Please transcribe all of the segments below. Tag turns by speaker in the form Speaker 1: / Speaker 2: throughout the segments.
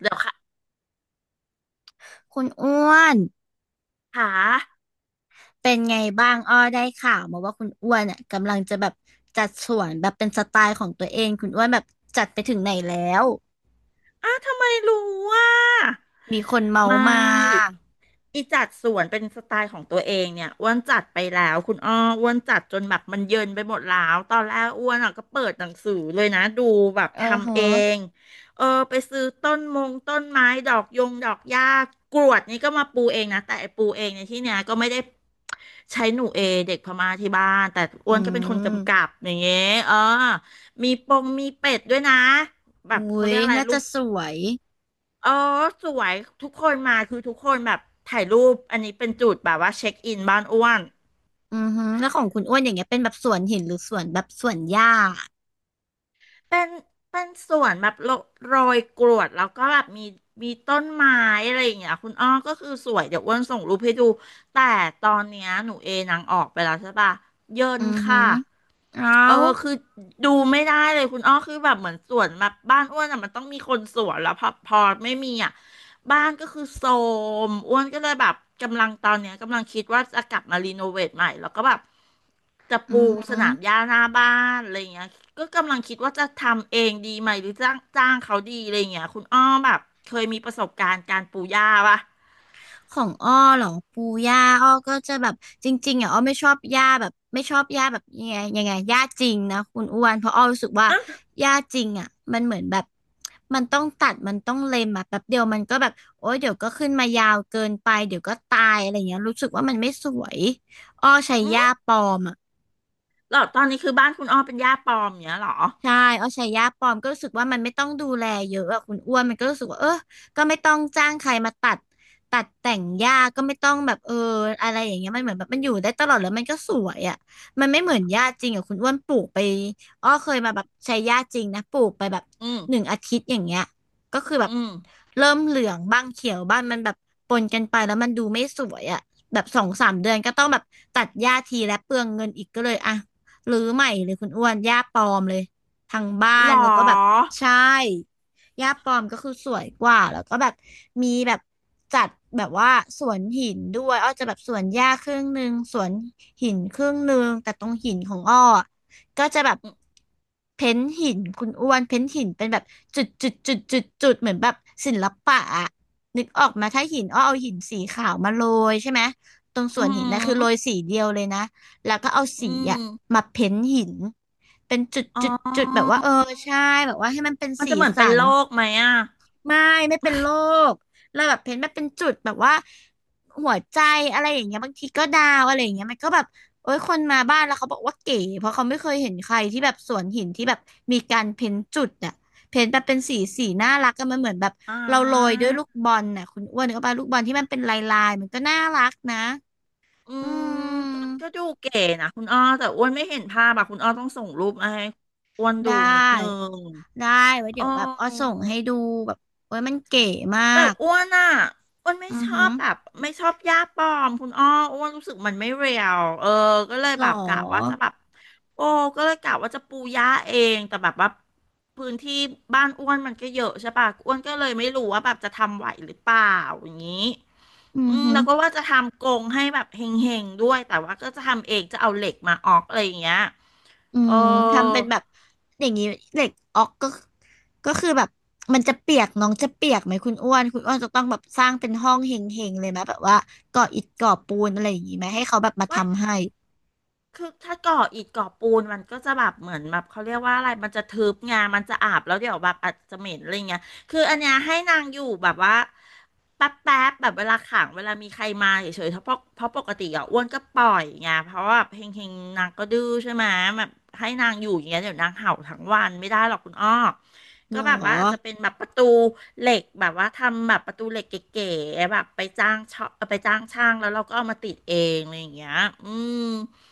Speaker 1: เดี๋ยวค่ะ
Speaker 2: คุณอ้วน
Speaker 1: ขา
Speaker 2: เป็นไงบ้างอ้อได้ข่าวมาว่าคุณอ้วนอ่ะกำลังจะแบบจัดสวนแบบเป็นสไตล์ของตัวเองคุณอ้วนแบบจัดไปถึงไหนแล้ว
Speaker 1: ทำไมรู้ว่า
Speaker 2: มีคนเมา
Speaker 1: ไม
Speaker 2: มา
Speaker 1: ่อีจัดสวนเป็นสไตล์ของตัวเองเนี่ยอ้วนจัดไปแล้วคุณอ้ออ้วนจัดจนแบบมันเยินไปหมดแล้วตอนแรกอ้วนอ่ะก็เปิดหนังสือเลยนะดูแบบ
Speaker 2: เออเห
Speaker 1: ทำเอ
Speaker 2: อะ
Speaker 1: งเออไปซื้อต้นมงต้นไม้ดอกยงดอกหญ้ากรวดนี่ก็มาปูเองนะแต่ไอ้ปูเองในที่เนี้ยก็ไม่ได้ ใช้หนูเอเด็กพม่าที่บ้าน แต่อ้
Speaker 2: อื
Speaker 1: วนก็เป็นคนกำกั
Speaker 2: ม
Speaker 1: บอย่างเงี้ยเออ มีปงมีเป็ดด้วยนะ แบ
Speaker 2: อุ้
Speaker 1: บเขา
Speaker 2: ย
Speaker 1: เรียกอะไร
Speaker 2: น่า
Speaker 1: รู
Speaker 2: จะ
Speaker 1: ป
Speaker 2: สวย
Speaker 1: เออสวยทุกคนมาคือทุกคนแบบถ่ายรูป อันนี้เป็นจุดแบบว่าเช็คอินบ้านอ้วน
Speaker 2: อือฮึอแล้วของคุณอ้วนอย่างเงี้ยเป็นแบบสวนหินหรือสวนแบบสวนหญ้า
Speaker 1: เป็นเป็นสวนแบบโรยกรวดแล้วก็แบบมีต้นไม้อะไรอย่างเงี้ยคุณอ้อก็คือสวยเดี๋ยวอ้วนส่งรูปให้ดูแต่ตอนเนี้ยหนูเอนางออกไปแล้วใช่ปะเยิ
Speaker 2: อื
Speaker 1: น
Speaker 2: อฮึ
Speaker 1: ค่ะ
Speaker 2: อเอา
Speaker 1: เออคือดูไม่ได้เลยคุณอ้อคือแบบเหมือนสวนแบบบ้านอ้วนอ่ะมันต้องมีคนสวนแล้วพอไม่มีอ่ะ บ้านก็คือโทรมอ้วนก็เลยแบบกำลังตอนเนี้ยกำลังคิดว่าจะกลับมารีโนเวทใหม่แล้วก็แบบจะ
Speaker 2: อื
Speaker 1: ปู
Speaker 2: อฮึ
Speaker 1: สนามหญ้าหน้าบ้านอะไรเงี้ยก็กำลังคิดว่าจะทำเองดีไหมหรือจ้างเขาดีอะไรเงี้ยคุณอ้อแบบเคยมีประสบการณ์การปูหญ้าปะ
Speaker 2: ของอ้อเหรอปูย่าอ้อก็จะแบบจริงๆอ่ะอ้อไม่ชอบย่าแบบไม่ชอบย่าแบบยังไงย่าจริงนะคุณอ้วนเพราะอ้อรู้สึกว่าย่าจริงอ่ะมันเหมือนแบบมันต้องตัดมันต้องเล็มอ่ะแป๊บเดียวมันก็แบบโอ๊ยเดี๋ยวก็ขึ้นมายาวเกินไปเดี๋ยวก็ตายอะไรเงี้ยรู้สึกว่ามันไม่สวยอ้อใช้
Speaker 1: อื
Speaker 2: ย่า
Speaker 1: ม
Speaker 2: ปลอมอ่ะ
Speaker 1: หรอตอนนี้คือบ้านคุณอ้อเป็นหญ้าปลอมเนี้ยเหรอ
Speaker 2: ใช่เอาใช้ยาปลอมก็รู้สึกว่ามันไม่ต้องดูแลเยอะอะคุณอ้วนมันก็รู้สึกว่าเออก็ไม่ต้องจ้างใครมาตัดแต่งหญ้า ก็ไม่ต้องแบบเอออะไรอย่างเงี้ยมันเหมือนแบบมันอยู่ได้ตลอดแล้วมันก็สวยอะมันไม่เหมือนหญ้าจริงอะคุณอ้วนปลูกไปอ้อเคยมาแบบใช้หญ้าจริงนะปลูกไปแบบ
Speaker 1: อื
Speaker 2: หนึ่ง
Speaker 1: ม
Speaker 2: อาทิตย์อย่างเงี้ยก็คือแบบ
Speaker 1: อืม
Speaker 2: เริ่มเหลืองบ้างเขียวบ้างมันแบบปนกันไปแล้วมันดูไม่สวยอะแบบสองสามเดือนก็ต้องแบบตัดหญ้าทีและเปลืองเงินอีกก็เลยอะรื้อใหม่เลยคุณอ้วนหญ้าปลอมเลย ทางบ้า
Speaker 1: หร
Speaker 2: นแล้วก็แบบ
Speaker 1: อ
Speaker 2: ใช่ย่าปอมก็คือสวยกว่าแล้วก็แบบมีแบบจัดแบบว่าสวนหินด้วยอ้อจะแบบสวนหญ้าครึ่งหนึ่งสวนหินครึ่งหนึ่งแต่ตรงหินของอ้ออะก็จะแบบเพ้นท์หินคุณอ้วนเพ้นท์หินเป็นแบบจุดจุดจุดจุดจุดเหมือนแบบศิลปะอะนึกออกมาถ้าหินอ้อเอาหินสีขาวมาโรยใช่ไหมตรงส
Speaker 1: อื
Speaker 2: วนหินนะคือโรย
Speaker 1: ม
Speaker 2: สีเดียวเลยนะ แล้วก็เอา
Speaker 1: อื
Speaker 2: สีอะ
Speaker 1: ม
Speaker 2: มาเพ้นท์หินเป็นจุด
Speaker 1: อ๋
Speaker 2: จุดจุดแบบ
Speaker 1: อ
Speaker 2: ว่าเออใช่แบบว่าให้มันเป็น
Speaker 1: มัน
Speaker 2: สี
Speaker 1: จะเหมือน
Speaker 2: สั
Speaker 1: เป็น
Speaker 2: น
Speaker 1: โรคไหมอ่ะ
Speaker 2: ไม่ไม่เป็นโรคเราแบบเพ้นท์มาเป็นจุดแบบว่าหัวใจอะไรอย่างเงี้ยบางทีก็ดาวอะไรอย่างเงี้ยมันก็แบบโอ้ยคนมาบ้านแล้วเขาบอกว่าเก๋เพราะเขาไม่เคยเห็นใครที่แบบสวนหินที่แบบมีการเพ้นท์จุดอะเพ้นท์แบบเป็นสีน่ารักก็มันเหมือนแบบ
Speaker 1: อ่
Speaker 2: เราโรยด้วยลูก
Speaker 1: า
Speaker 2: บอลน่ะคุณอ้วนนึก็ปาลูกบอลที่มันเป็นลายมันก็น่ารักนะ
Speaker 1: อื
Speaker 2: อื
Speaker 1: มก็
Speaker 2: ม
Speaker 1: ก็ดูเก๋นะคุณอ้อแต่อ้วนไม่เห็นภาพอะคุณอ้อต้องส่งรูปมาให้อ้วนดู
Speaker 2: ได้
Speaker 1: นิดนึง
Speaker 2: ได้ไว้
Speaker 1: เอ
Speaker 2: เดี๋
Speaker 1: อ
Speaker 2: ยวแบบอ้อส่งให้ดูแบบเว้ยมันเก๋มา
Speaker 1: แต่
Speaker 2: ก
Speaker 1: อ้วนอะอ้วนไม่
Speaker 2: อือ
Speaker 1: ชอ
Speaker 2: หือ
Speaker 1: บแบบไม่ชอบหญ้าปลอมคุณอ้ออ้วนรู้สึกมันไม่เรียวเออก็เลย
Speaker 2: หร
Speaker 1: แบบกะว่า
Speaker 2: อ
Speaker 1: จะแบบโอ้ก็เลยกะว่าจะปูหญ้าเองแต่แบบว่าพื้นที่บ้านอ้วนมันก็เยอะใช่ปะอ้วนก็เลยไม่รู้ว่าแบบจะทำไหวหรือเปล่าอย่างนี้
Speaker 2: อื
Speaker 1: อื
Speaker 2: อ
Speaker 1: ม
Speaker 2: หือ
Speaker 1: แล้วก็ว่าจะทำกรงให้แบบเฮงๆด้วยแต่ว่าก็จะทำเองจะเอาเหล็กมาออกอะไรอย่างเงี้ย
Speaker 2: อื
Speaker 1: เออ
Speaker 2: มทำเป็นแบบอย่างนี้เหล็กออกก็คือแบบมันจะเปียกน้องจะเปียกไหมคุณอ้วนคุณอ้วนจะต้องแบบสร้างเป็นห้องเฮงๆเลยไหมแบบว่าก่ออิฐก่อปูนอะไรอย่างนี้ไหมให้เขาแบบมา
Speaker 1: ว่า
Speaker 2: ทำให้
Speaker 1: คือถ้าก่ออิฐก่อปูนมันก็จะแบบเหมือนแบบเขาเรียกว่าอะไรมันจะทึบไงมันจะอาบแล้วเดี๋ยวแบบอาจจะเหม็นอะไรเงี้ยคืออันเนี้ยให้นางอยู่แบบว่าแป๊บแบบเวลาขังเวลามีใครมาเฉยๆเพราะปกติอ่ะอ้วนก็ปล่อยไงเพราะว่าเฮงเฮงนางก็ดื้อใช่ไหมแบบให้นางอยู่อย่างเงี้ยเดี๋ยวนางเห่าทั้งวันไม่ได้หรอกคุณอ้อ
Speaker 2: ห
Speaker 1: ก็
Speaker 2: รอ
Speaker 1: แบบว่าอาจจะเป็นแบบประตูเหล็กแบบว่าทำแบบประตูเหล็กเก๋ๆแบบไปจ้างช่างแล้วเราก็เอามาติดเองอะไรอย่างเงี้ยอืม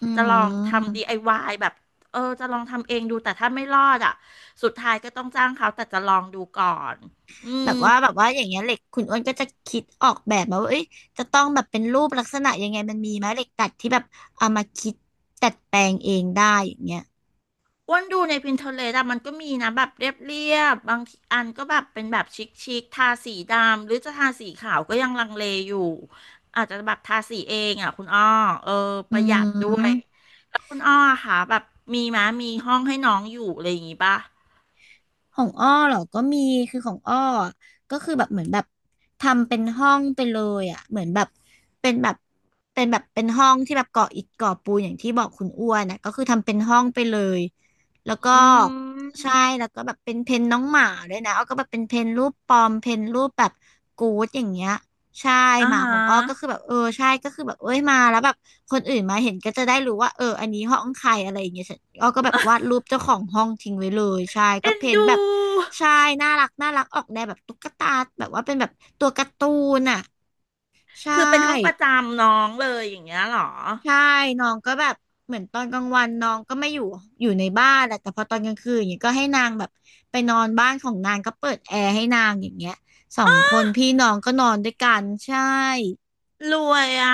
Speaker 2: อื
Speaker 1: จะลองทำดี
Speaker 2: ม
Speaker 1: ไอวายแบบเออจะลองทำเองดูแต่ถ้าไม่รอดอ่ะสุดท้ายก็ต้องจ้างเขาแต่จะลองดูก่อนอื
Speaker 2: แบ
Speaker 1: ม
Speaker 2: บว่าแบบว่าอย่างเงี้ยเหล็กคุณอ้วนก็จะคิดออกแบบมาว่าเอ้ยจะต้องแบบเป็นรูปลักษณะยังไงมันมีไหมเหล็กดัดที่แบบเอามาคิดดัดแปลงเองได้อย่างเงี้ย
Speaker 1: อ้วนดูใน Pinterest อะมันก็มีนะแบบเรียบบางทีอันก็แบบเป็นแบบชิคชิคทาสีดำหรือจะทาสีขาวก็ยังลังเลอยู่อาจจะแบบทาสีเองอ่ะคุณอ้อเออป
Speaker 2: อื
Speaker 1: ระหยัดด้วย
Speaker 2: ม
Speaker 1: แล้วคุณอ้อค่ะแบบมีมะมีห้องให้น้องอยู่อะไรอย่างงี้ป่ะ
Speaker 2: ของอ้อเหรอก็มีคือของอ้ออะก็คือแบบเหมือนแบบทำเป็นห้องไปเลยอ่ะเหมือนแบบเป็นแบบเป็นห้องที่แบบก่ออิฐก่อปูนอย่างที่บอกคุณอ้วนนะก็คือทำเป็นห้องไปเลยแล้วก็
Speaker 1: อื
Speaker 2: ใช่
Speaker 1: ม
Speaker 2: แล้วก็แบบเป็นเพนน้องหมาด้วยนะอ้อก็แบบเป็นเพนรูปปอมเพนรูปแบบกู๊ดอย่างเงี้ยใช่
Speaker 1: อ่า
Speaker 2: หมา
Speaker 1: ฮะ
Speaker 2: ของอ้อก็คือแบบเออใช่ก็คือแบบเอ้ยมาแล้วแบบ คนอื่นมาเห็นก็จะได้รู้ว่าเอออันนี้ห้องใครอะไรอย่างเงี้ยอ้อก็แบบวาดรูปเจ้าของห้องทิ้งไว้เลยใช่ก็
Speaker 1: เอ็น
Speaker 2: เพ้นท์
Speaker 1: ดู
Speaker 2: แบบใช่น่ารักน่ารักออกแนวแบบตุ๊กตาแบบว่าเป็นแบบตัวการ์ตูนอ่ะใช
Speaker 1: คือเป็นห้องประ
Speaker 2: ่
Speaker 1: จำน้องเลยอย่างเงี้ยเหรอ
Speaker 2: ใช่น้องก็แบบเหมือนตอนกลางวันน้องก็ไม่อยู่อยู่ในบ้านแหละแต่พอตอนกลางคืนอย่างเงี้ยก็ให้นางแบบไปนอนบ้านของนางก็เปิดแอร์ให้นางอย่างเงี้ยสองคนพี่น้องก็นอนด้วยกันใช่
Speaker 1: รวยอ่ะ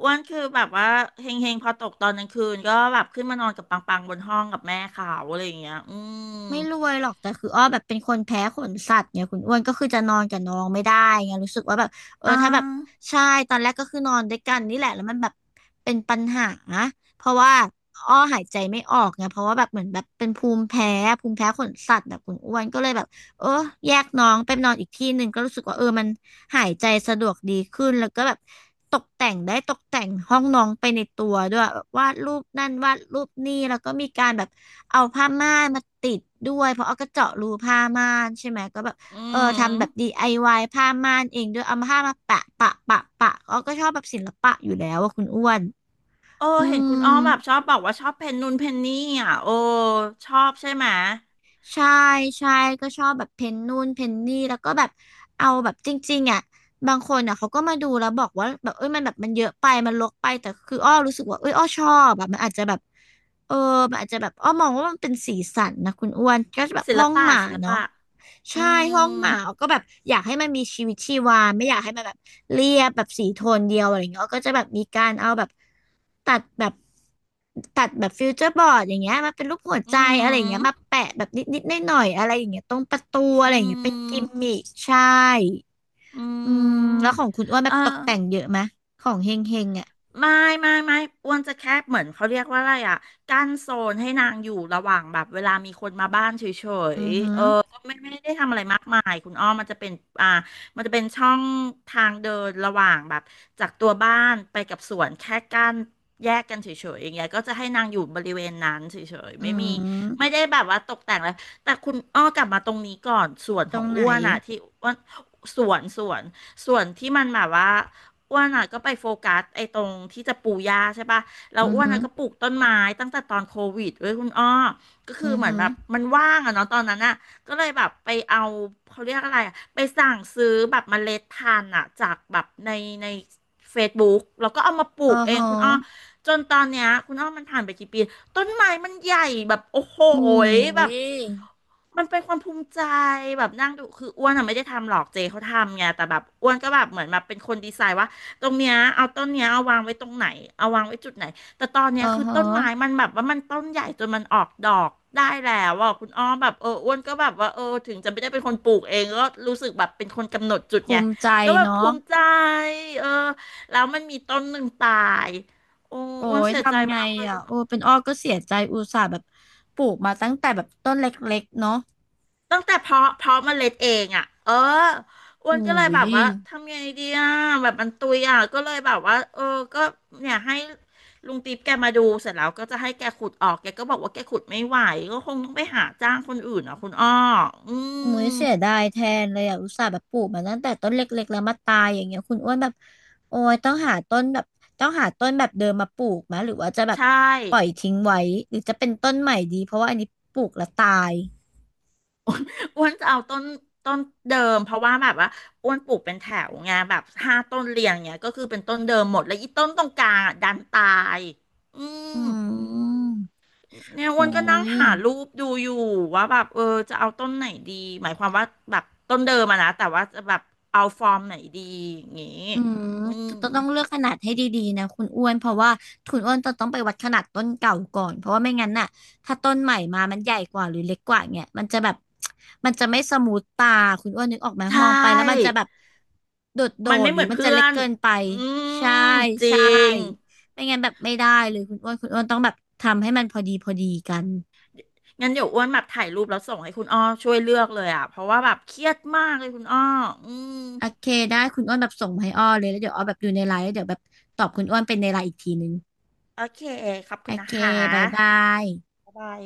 Speaker 1: อ้วนคือแบบว่าเฮงเฮงพอตกตอนกลางคืนก็แบบขึ้นมานอนกับปังปังบนห้องกับแม่เขาอะไรอย่างเงี้ยอืม
Speaker 2: ไม่รวยหรอกแต่คืออ้อแบบเป็นคนแพ้ขนสัตว์เนี่ยคุณอ้วนก็คือจะนอนกับน้องไม่ได้ไงรู้สึกว่าแบบเออ
Speaker 1: อ่า
Speaker 2: ถ้าแบบใช่ตอนแรกก็คือนอนด้วยกันนี่แหละแล้วมันแบบเป็นปัญหาเพราะว่าอ้อหายใจไม่ออกไงเพราะว่าแบบเหมือนแบบเป็นภูมิแพ้ภูมิแพ้ขนสัตว์แบบคุณอ้วนก็เลยแบบเออแยกน้องไปนอนอีกที่หนึ่งก็รู้สึกว่าเออมันหายใจสะดวกดีขึ้นแล้วก็แบบตกแต่งได้ตกแต่งห้องน้องไปในตัวด้วยแบบวาดรูปนั่นวาดรูปนี่แล้วก็มีการแบบ เอาผ้าม่านมาติดด้วยเพราะเอาก็เจาะรูผ้าม่านใช่ไหมก็แบบ
Speaker 1: อื
Speaker 2: เออทำแบบ
Speaker 1: ม
Speaker 2: DIY ผ้าม่านเองด้วยเอาผ้ามาแปะปะปะปะเอาก็ชอบแบบศิลปะอยู่แล้วว่าคุณอ้วน
Speaker 1: โอ้
Speaker 2: อื
Speaker 1: เห็นคุณอ้
Speaker 2: ม
Speaker 1: อแบบชอบบอกว่าชอบเพนนูนเพนนี่อ่ะโอ้ชอบใช่ไหม
Speaker 2: ใช่ใช่ก็ชอบแบบเพนนู่นเพนนี่แล้วก็แบบเอาแบบจริงๆอ่ะบางคนอ่ะเขาก็มาดูแล้วบอกว่าแบบเอ้ยมันแบบมันเยอะไปมันรกไปแต่คืออ้อรู้สึกว่าเอ้ยอ้อชอบแบบมันอาจจะแบบเออมันอาจจะแบบอ้อมองว่ามันเป็นสีสันนะคุณอ้วนก็แบบ
Speaker 1: ศิล
Speaker 2: ห้อง
Speaker 1: ปะ
Speaker 2: หมา
Speaker 1: ศิล
Speaker 2: เนาะ
Speaker 1: ปะอื
Speaker 2: ใช่ห้องห
Speaker 1: ม
Speaker 2: มาก็แบบอยากให้มันมีชีวิตชีวาไม่อยากให้มันแบบเรียบแบบสีโทนเดียวอะไรเงี้ยก็จะแบบมีการเอาแบบตัดแบบตัดแบบฟิวเจอร์บอร์ดอย่างเงี้ยมาเป็นรูปหัวใจ
Speaker 1: อื
Speaker 2: อะไรอย่างเงี้ย
Speaker 1: ม
Speaker 2: มาแปะแบบนิดๆหน่อยๆอะไรอย่างเงี้ยตรงประตูอะ
Speaker 1: อื
Speaker 2: ไรอย่างเงี้ยเป็นกิมมิ
Speaker 1: ม
Speaker 2: คใช่
Speaker 1: อื
Speaker 2: อืมแล้ว
Speaker 1: ม
Speaker 2: ของคุณอ้วนแบ
Speaker 1: เออ
Speaker 2: บตกแต่งเยอะไหมของเฮงเฮงอ่ะ
Speaker 1: ไม่ไม่ไม่อ้วนจะแค่เหมือนเขาเรียกว่าอะไรอ่ะกั้นโซนให้นางอยู่ระหว่างแบบเวลามีคนมาบ้านเฉ
Speaker 2: อื
Speaker 1: ย
Speaker 2: อหื
Speaker 1: ๆเอ
Speaker 2: อ
Speaker 1: อก็ไม่ได้ทำอะไรมากมายคุณอ้อมมันจะเป็นอ่ามันจะเป็นช่องทางเดินระหว่างแบบจากตัวบ้านไปกับสวนแค่กั้นแยกกันเฉยๆอย่างเงี้ยก็จะให้นางอยู่บริเวณนั้นเฉยๆ
Speaker 2: อื
Speaker 1: ไม่มีไม่
Speaker 2: ม
Speaker 1: ได้แบบว่าตกแต่งอะไรแต่คุณอ้อกลับมาตรงนี้ก่อนส่วน
Speaker 2: ต
Speaker 1: ข
Speaker 2: ร
Speaker 1: อ
Speaker 2: ง
Speaker 1: ง
Speaker 2: ไหน
Speaker 1: อ้วนอ่ะที่อ้วนสวนส่วนที่มันแบบว่า อ้วนอ่ะก็ไปโฟกัสไอ้ตรงที่จะปลูกหญ้าใช่ปะแล้
Speaker 2: อื
Speaker 1: ว
Speaker 2: อ
Speaker 1: อ้วน
Speaker 2: หือ
Speaker 1: อ่ะก็ปลูกต้นไม้ตั้งแต่ตอนโควิดเว้ยคุณอ้อก็คื
Speaker 2: อื
Speaker 1: อ
Speaker 2: อ
Speaker 1: เหมือน
Speaker 2: หือ
Speaker 1: แบบมันว่างอะเนาะตอนนั้นอ่ะก็เลยแบบไปเอาเขาเรียกอะไรอะไปสั่งซื้อแบบเมล็ดพันธุ์อ่ะจากแบบใน Facebook แล้วก็เอามาปลู
Speaker 2: อ๋อ
Speaker 1: กเอง
Speaker 2: ฮะ
Speaker 1: คุณอ้อจนตอนเนี้ยคุณอ้อมันผ่านไปกี่ปีต้นไม้มันใหญ่แบบโอ้โห
Speaker 2: อืม
Speaker 1: ยแบ
Speaker 2: อุ้
Speaker 1: บ
Speaker 2: ย
Speaker 1: มันเป็นความภูมิใจแบบนั่งดูคืออ้วนอะไม่ได้ทำหรอกเจเขาทำไงแต่แบบอ้วนก็แบบเหมือนแบบเป็นคนดีไซน์ว่า ตรงเนี้ยเอาต้นเนี้ยเอาวางไว้ตรงไหนเอาวางไว้จุดไหนแต่ตอนเนี้
Speaker 2: อ๋
Speaker 1: ย
Speaker 2: อ
Speaker 1: คือ
Speaker 2: ฮะ
Speaker 1: ต้นไม้มันแบบว่ามันต้นใหญ่จนมันออกดอกได้แล้วอ่ะคุณอ้อมแบบเอออ้วนก็แบบว่าเออถึงจะไม่ได้เป็นคนปลูกเองก็รู้สึกแบบเป็นคนกำหนดจุด
Speaker 2: ภู
Speaker 1: ไง
Speaker 2: มิใจ
Speaker 1: ก็แบบภู
Speaker 2: เนาะ
Speaker 1: มิใจเออแล้วมันมีต้นหนึ่งตายโอ้
Speaker 2: โอ้
Speaker 1: อ้วน
Speaker 2: ย
Speaker 1: เสียใจ
Speaker 2: ทำไง
Speaker 1: มากเลย
Speaker 2: อ่ะ
Speaker 1: คุณ
Speaker 2: โอ้เป็นอ้อก็เสียใจอุตส่าห์แบบปลูกมาตั้งแต่แบบต้นเล็กๆเนาะ
Speaker 1: ตั้งแต่เพาะเมล็ดเองอ่ะเอออ้วน
Speaker 2: อุ้
Speaker 1: ก็เลยแบ
Speaker 2: ย
Speaker 1: บว่าทำยังไงดีอ่ะแบบมันตุยอ่ะก็เลยแบบว่าเออก็เนี่ยให้ลุงติ๊บแกมาดูเสร็จแล้วก็จะให้แกขุดออกแกก็บอกว่าแกขุดไม่ไหวก็คงต้องไปหาจ้างคนอื่นอ่ะคุณอ้ออื
Speaker 2: มุ้ย
Speaker 1: ม
Speaker 2: เสียดายแทนเลยอ่ะอุตส่าห์แบบปลูกมาตั้งแต่ต้นเล็กๆแล้วมาตายอย่างเงี้ยคุณอ้วนแบบโอ้ยต้องหาต้นแบบต้องหาต้นแบบเดิมมาปลูกไหมหรือว่าจะแบบ
Speaker 1: ใช่
Speaker 2: ปล่อยทิ้งไว้หรือจะเป็นต้นใหม่ดีเพราะว่าอันนี้ปลูกแล้วตาย
Speaker 1: อ้วนจะเอาต้นเดิมเพราะว่าแบบว่าอ้วนปลูกเป็นแถวไงแบบ5 ต้นเรียงเนี่ยก็คือเป็นต้นเดิมหมดแล้วอีต้นตรงกลางอะดันตายอื
Speaker 2: อื
Speaker 1: ม
Speaker 2: ม
Speaker 1: เนี่ยอ้
Speaker 2: โอ้
Speaker 1: วนก็นั่ง
Speaker 2: ย
Speaker 1: หารูปดูอยู่ว่าแบบเออจะเอาต้นไหนดีหมายความว่าแบบต้นเดิมอะนะแต่ว่าจะแบบเอาฟอร์มไหนดีอย่างงี้
Speaker 2: อืม
Speaker 1: อื
Speaker 2: ต
Speaker 1: ม
Speaker 2: ต้องเลือกขนาดให้ดีๆนะคุณอ้วนเพราะว่าคุณอ้วนจะต้องไปวัดขนาดต้นเก่าก่อนเพราะว่าไม่งั้นน่ะถ้าต้นใหม่มามันใหญ่กว่าหรือเล็กกว่าเงี้ยมันจะแบบมันจะไม่สมูทตาคุณอ้วนนึกออกไหม
Speaker 1: ใช
Speaker 2: มองไปแล้วมัน
Speaker 1: ่
Speaker 2: จะแบบโดดโด
Speaker 1: มัน
Speaker 2: ด
Speaker 1: ไม่
Speaker 2: ห
Speaker 1: เห
Speaker 2: รือ
Speaker 1: มือน
Speaker 2: มันจะ
Speaker 1: เพื่อ
Speaker 2: เล็ก
Speaker 1: น
Speaker 2: เกินไป
Speaker 1: อื
Speaker 2: ใช่
Speaker 1: มจริ
Speaker 2: ใช่
Speaker 1: ง
Speaker 2: ไม่งั้นแบบไม่ได้เลยคุณอ้วนคุณอ้วนต้องแบบทำให้มันพอดีกัน
Speaker 1: งั้นเดี๋ยวอ้วนแบบถ่ายรูปแล้วส่งให้คุณอ้อช่วยเลือกเลยอะเพราะว่าแบบเครียดมากเลยคุณอ้ออืม
Speaker 2: โอเคได้คุณอ้วนแบบส่งมาให้อ้อเลยแล้วเดี๋ยวอ้อแบบดูในไลน์แล้วเดี๋ยวแบบตอบคุณอ้วนเป็นในไลน์อีกทีนึง
Speaker 1: โอเคขอบ
Speaker 2: โอ
Speaker 1: คุณนะ
Speaker 2: เค
Speaker 1: ค
Speaker 2: บายบา
Speaker 1: ะ
Speaker 2: ย
Speaker 1: บ๊ายบาย